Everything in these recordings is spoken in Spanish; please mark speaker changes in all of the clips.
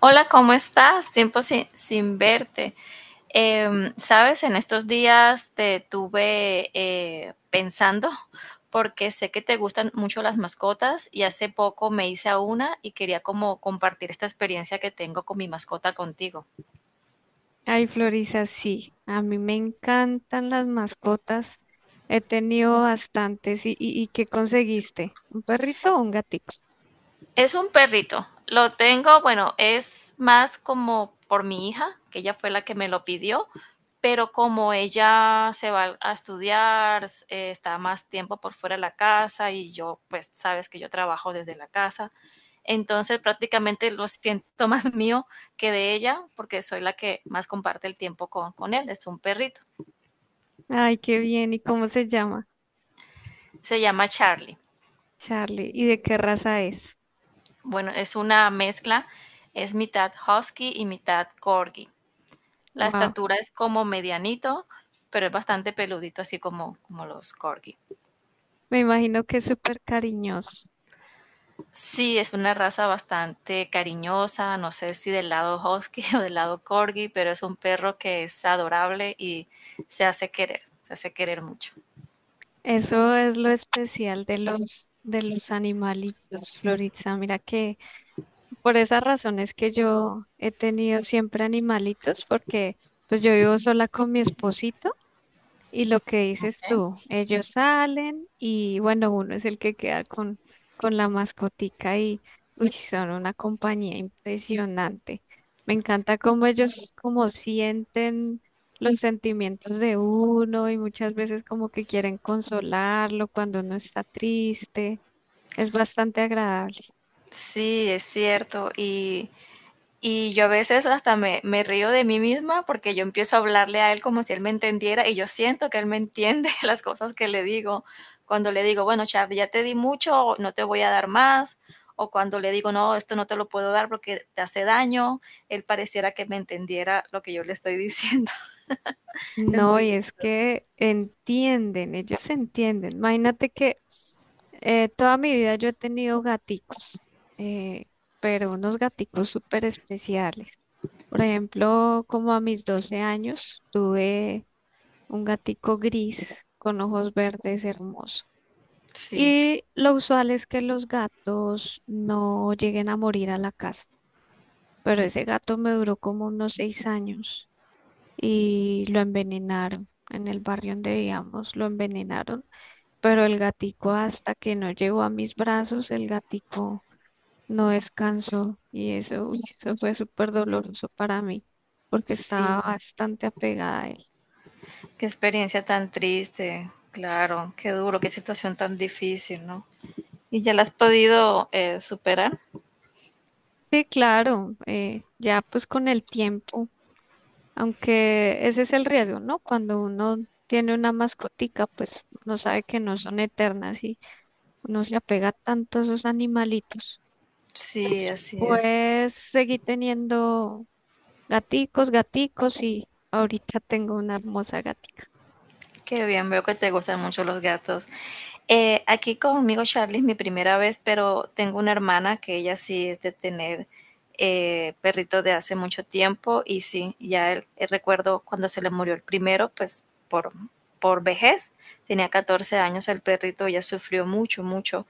Speaker 1: Hola, ¿cómo estás? Tiempo sin verte. Sabes, en estos días te tuve pensando porque sé que te gustan mucho las mascotas y hace poco me hice a una y quería como compartir esta experiencia que tengo con mi mascota contigo.
Speaker 2: Ay, Florisa, sí, a mí me encantan las mascotas. He tenido bastantes. ¿Y qué conseguiste? ¿Un perrito o un gatito?
Speaker 1: Es un perrito. Lo tengo, bueno, es más como por mi hija, que ella fue la que me lo pidió, pero como ella se va a estudiar, está más tiempo por fuera de la casa y yo, pues sabes que yo trabajo desde la casa, entonces prácticamente lo siento más mío que de ella, porque soy la que más comparte el tiempo con él. Es un perrito.
Speaker 2: Ay, qué bien. ¿Y cómo se llama?
Speaker 1: Se llama Charlie.
Speaker 2: Charlie. ¿Y de qué raza es?
Speaker 1: Bueno, es una mezcla, es mitad husky y mitad corgi. La
Speaker 2: Wow.
Speaker 1: estatura es como medianito, pero es bastante peludito, así como, como los corgi.
Speaker 2: Me imagino que es súper cariñoso.
Speaker 1: Sí, es una raza bastante cariñosa, no sé si del lado husky o del lado corgi, pero es un perro que es adorable y se hace querer mucho.
Speaker 2: Eso es lo especial de los animalitos, Florisa. Mira que por esas razones que yo he tenido siempre animalitos, porque pues yo vivo sola con mi esposito. Y lo que dices
Speaker 1: ¿Ok?
Speaker 2: tú, ellos salen y bueno, uno es el que queda con la mascotica y uy, son una compañía impresionante. Me encanta cómo ellos como sienten los sentimientos de uno y muchas veces como que quieren consolarlo cuando uno está triste. Es bastante agradable.
Speaker 1: Sí, es cierto. Y yo a veces hasta me río de mí misma, porque yo empiezo a hablarle a él como si él me entendiera, y yo siento que él me entiende las cosas que le digo. Cuando le digo: "Bueno, Charlie, ya te di mucho, no te voy a dar más", o cuando le digo: "No, esto no te lo puedo dar porque te hace daño", él pareciera que me entendiera lo que yo le estoy diciendo. Es
Speaker 2: No,
Speaker 1: muy
Speaker 2: y es
Speaker 1: chistoso.
Speaker 2: que entienden, ellos entienden. Imagínate que toda mi vida yo he tenido gaticos, eh, pero unos gaticos súper especiales. Por ejemplo, como a mis 12 años tuve un gatico gris con ojos verdes hermoso.
Speaker 1: Sí,
Speaker 2: Y lo usual es que los gatos no lleguen a morir a la casa, pero ese gato me duró como unos 6 años y lo envenenaron. En el barrio donde vivíamos lo envenenaron, pero el gatico hasta que no llegó a mis brazos, el gatico no descansó y eso, uy, eso fue súper doloroso para mí porque
Speaker 1: sí,
Speaker 2: estaba bastante apegada a él.
Speaker 1: qué experiencia tan triste. Claro, qué duro, qué situación tan difícil, ¿no? ¿Y ya la has podido, superar?
Speaker 2: Sí, claro, ya pues con el tiempo, aunque ese es el riesgo, ¿no? Cuando uno tiene una mascotica, pues no sabe que no son eternas y uno se apega tanto a esos animalitos.
Speaker 1: Sí, así es.
Speaker 2: Pues seguí teniendo gaticos y ahorita tengo una hermosa gatica.
Speaker 1: Qué bien, veo que te gustan mucho los gatos. Aquí conmigo Charlie es mi primera vez, pero tengo una hermana que ella sí es de tener perrito de hace mucho tiempo y sí, ya el recuerdo cuando se le murió el primero, pues por vejez, tenía 14 años el perrito, ella sufrió mucho, mucho.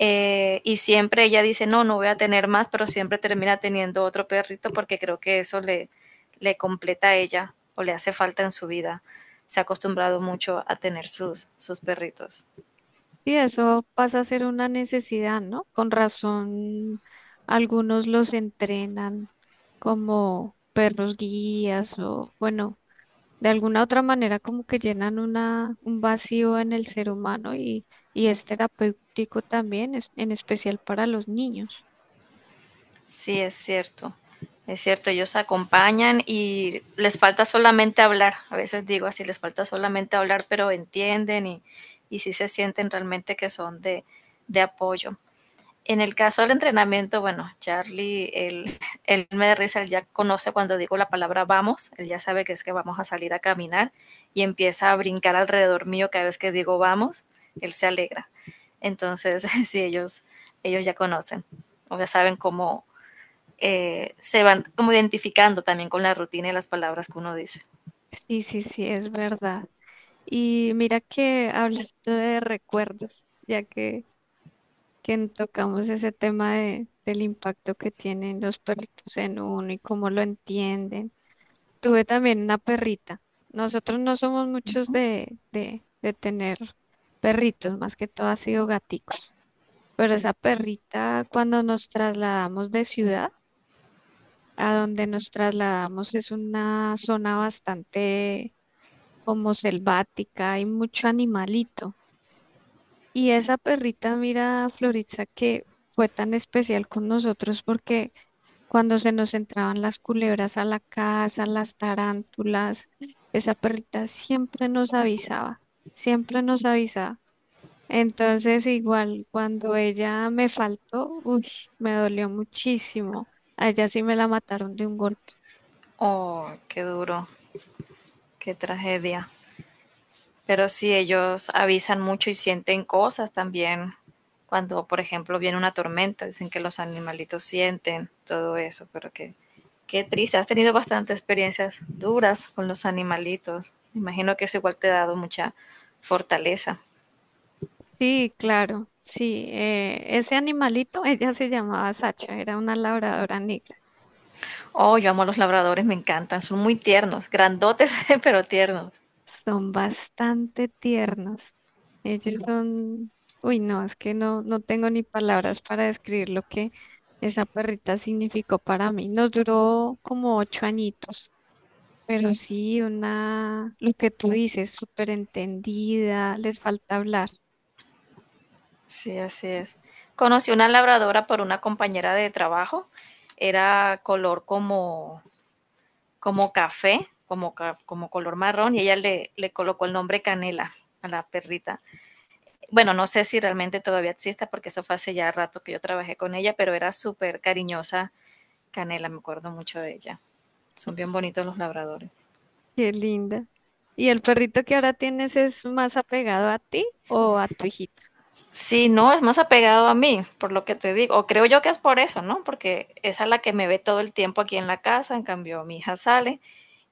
Speaker 1: Y siempre ella dice, no, no voy a tener más, pero siempre termina teniendo otro perrito porque creo que eso le, le completa a ella o le hace falta en su vida. Se ha acostumbrado mucho a tener sus perritos.
Speaker 2: Sí, eso pasa a ser una necesidad, ¿no? Con razón, algunos los entrenan como perros guías o, bueno, de alguna otra manera como que llenan un vacío en el ser humano y es terapéutico también, en especial para los niños.
Speaker 1: Sí, es cierto. Es cierto, ellos acompañan y les falta solamente hablar. A veces digo así, les falta solamente hablar, pero entienden y sí se sienten realmente que son de apoyo. En el caso del entrenamiento, bueno, Charlie, él me da risa, él ya conoce cuando digo la palabra vamos, él ya sabe que es que vamos a salir a caminar y empieza a brincar alrededor mío cada vez que digo vamos, él se alegra. Entonces, sí, ellos ya conocen, o ya saben cómo se van como identificando también con la rutina y las palabras que uno dice.
Speaker 2: Sí, sí, sí, es verdad. Y mira que hablando de recuerdos, que tocamos ese tema del impacto que tienen los perritos en uno y cómo lo entienden. Tuve también una perrita. Nosotros no somos muchos
Speaker 1: ¿No?
Speaker 2: de tener perritos, más que todo ha sido gaticos. Pero esa perrita, cuando nos trasladamos de ciudad, a donde nos trasladamos es una zona bastante como selvática, hay mucho animalito. Y esa perrita, mira, Floritza, que fue tan especial con nosotros porque cuando se nos entraban las culebras a la casa, las tarántulas, esa perrita siempre nos avisaba, siempre nos avisaba. Entonces, igual, cuando ella me faltó, uy, me dolió muchísimo. A ella sí me la mataron de un golpe.
Speaker 1: Oh, qué duro, qué tragedia. Pero sí, ellos avisan mucho y sienten cosas también. Cuando, por ejemplo, viene una tormenta, dicen que los animalitos sienten todo eso, pero que qué triste. Has tenido bastantes experiencias duras con los animalitos. Me imagino que eso igual te ha dado mucha fortaleza.
Speaker 2: Sí, claro, sí. Ese animalito, ella se llamaba Sacha, era una labradora negra.
Speaker 1: Oh, yo amo a los labradores, me encantan. Son muy tiernos, grandotes, pero tiernos.
Speaker 2: Son bastante tiernos. Ellos Ujú. Son, uy, no, es que no tengo ni palabras para describir lo que esa perrita significó para mí. Nos duró como 8 añitos, pero Ujú. Sí una, lo que tú dices, súper entendida, les falta hablar,
Speaker 1: Sí, así es. Conocí una labradora por una compañera de trabajo. Era color como como café, como, como color marrón, y ella le colocó el nombre Canela a la perrita. Bueno, no sé si realmente todavía exista porque eso fue hace ya rato que yo trabajé con ella, pero era súper cariñosa Canela, me acuerdo mucho de ella. Son bien bonitos los labradores.
Speaker 2: qué linda. ¿Y el perrito que ahora tienes es más apegado a ti o a tu hijita?
Speaker 1: Sí, no, es más apegado a mí, por lo que te digo. O creo yo que es por eso, ¿no? Porque esa es la que me ve todo el tiempo aquí en la casa. En cambio, mi hija sale.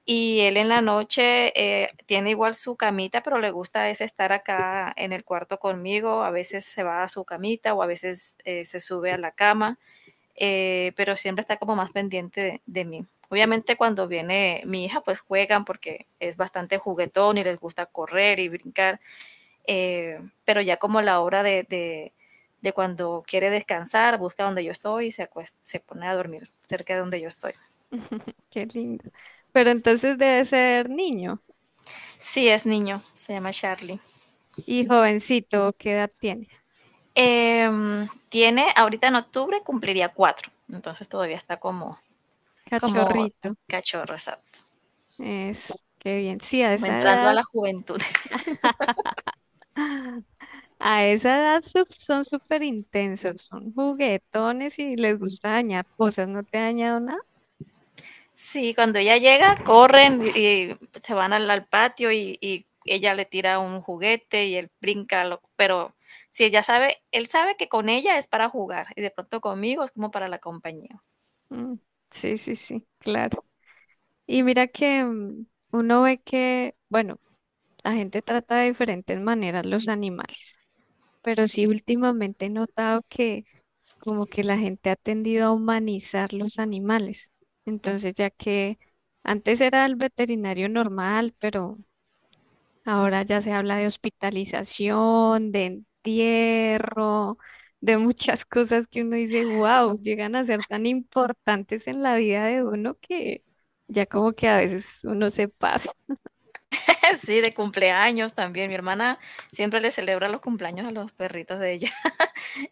Speaker 1: Y él en la noche tiene igual su camita, pero le gusta es estar acá en el cuarto conmigo. A veces se va a su camita o a veces se sube a la cama, pero siempre está como más pendiente de mí. Obviamente cuando viene mi hija, pues juegan porque es bastante juguetón y les gusta correr y brincar, eh, pero ya como la hora de cuando quiere descansar, busca donde yo estoy y se, se pone a dormir cerca de donde yo estoy.
Speaker 2: Qué lindo. Pero entonces debe ser niño
Speaker 1: Sí, es niño, se llama Charlie.
Speaker 2: y jovencito, ¿qué edad tiene?
Speaker 1: Tiene, ahorita en octubre cumpliría 4, entonces todavía está como, como
Speaker 2: Cachorrito.
Speaker 1: cachorro, exacto,
Speaker 2: Eso, qué bien. Sí, a
Speaker 1: como
Speaker 2: esa
Speaker 1: entrando a
Speaker 2: edad.
Speaker 1: la juventud.
Speaker 2: A esa edad son súper intensos, son juguetones y les gusta dañar cosas. ¿No te ha dañado nada?
Speaker 1: Sí, cuando ella llega, corren y se van al patio y ella le tira un juguete y él brinca, pero si ella sabe, él sabe que con ella es para jugar y de pronto conmigo es como para la compañía.
Speaker 2: Mm, sí, sí, sí, claro. Y mira que mm, uno ve que, bueno, la gente trata de diferentes maneras los animales, pero sí últimamente he notado que como que la gente ha tendido a humanizar los animales. Entonces, ya que antes era el veterinario normal, pero ahora ya se habla de hospitalización, de entierro, de muchas cosas que uno dice, wow, llegan a ser tan importantes en la vida de uno que ya como que a veces uno se pasa,
Speaker 1: Sí, de cumpleaños también. Mi hermana siempre le celebra los cumpleaños a los perritos de ella.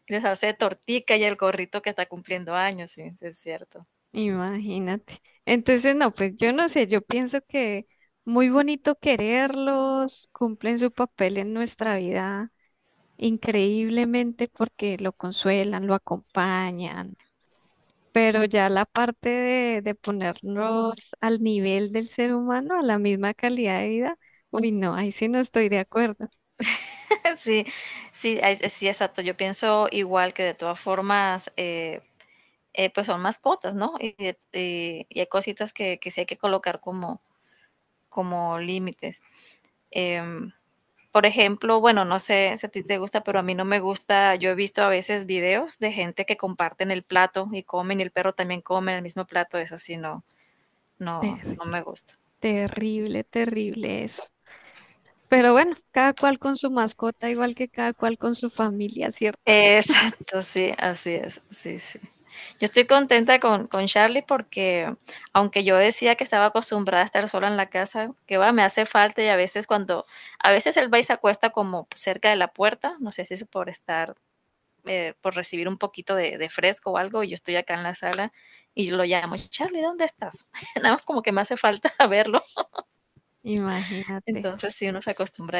Speaker 1: Les hace tortica y el gorrito que está cumpliendo años, sí, sí, es cierto.
Speaker 2: imagínate. Entonces, no, pues yo no sé, yo pienso que muy bonito quererlos, cumplen su papel en nuestra vida increíblemente porque lo consuelan, lo acompañan. Pero ya la parte de ponernos al nivel del ser humano, a la misma calidad de vida, uy, no, ahí sí no estoy de acuerdo.
Speaker 1: Sí, sí, sí, exacto. Yo pienso igual que de todas formas, pues son mascotas, ¿no? Y, y hay cositas que sí hay que colocar como, como límites. Em, por ejemplo, bueno, no sé si a ti te gusta, pero a mí no me gusta. Yo he visto a veces videos de gente que comparten el plato y comen y el perro también come en el mismo plato. Eso sí, no, no, no
Speaker 2: Terrible,
Speaker 1: me gusta.
Speaker 2: terrible, terrible eso. Pero bueno, cada cual con su mascota, igual que cada cual con su familia, ¿cierto?
Speaker 1: Exacto, sí, así es, sí, sí. Yo estoy contenta con Charlie porque aunque yo decía que estaba acostumbrada a estar sola en la casa, que va, me hace falta y a veces cuando, a veces él va y se acuesta como cerca de la puerta, no sé si es por estar, por recibir un poquito de fresco o algo, y yo estoy acá en la sala y lo llamo, Charlie, ¿dónde estás? Nada más como que me hace falta verlo,
Speaker 2: Imagínate.
Speaker 1: entonces sí, uno se acostumbra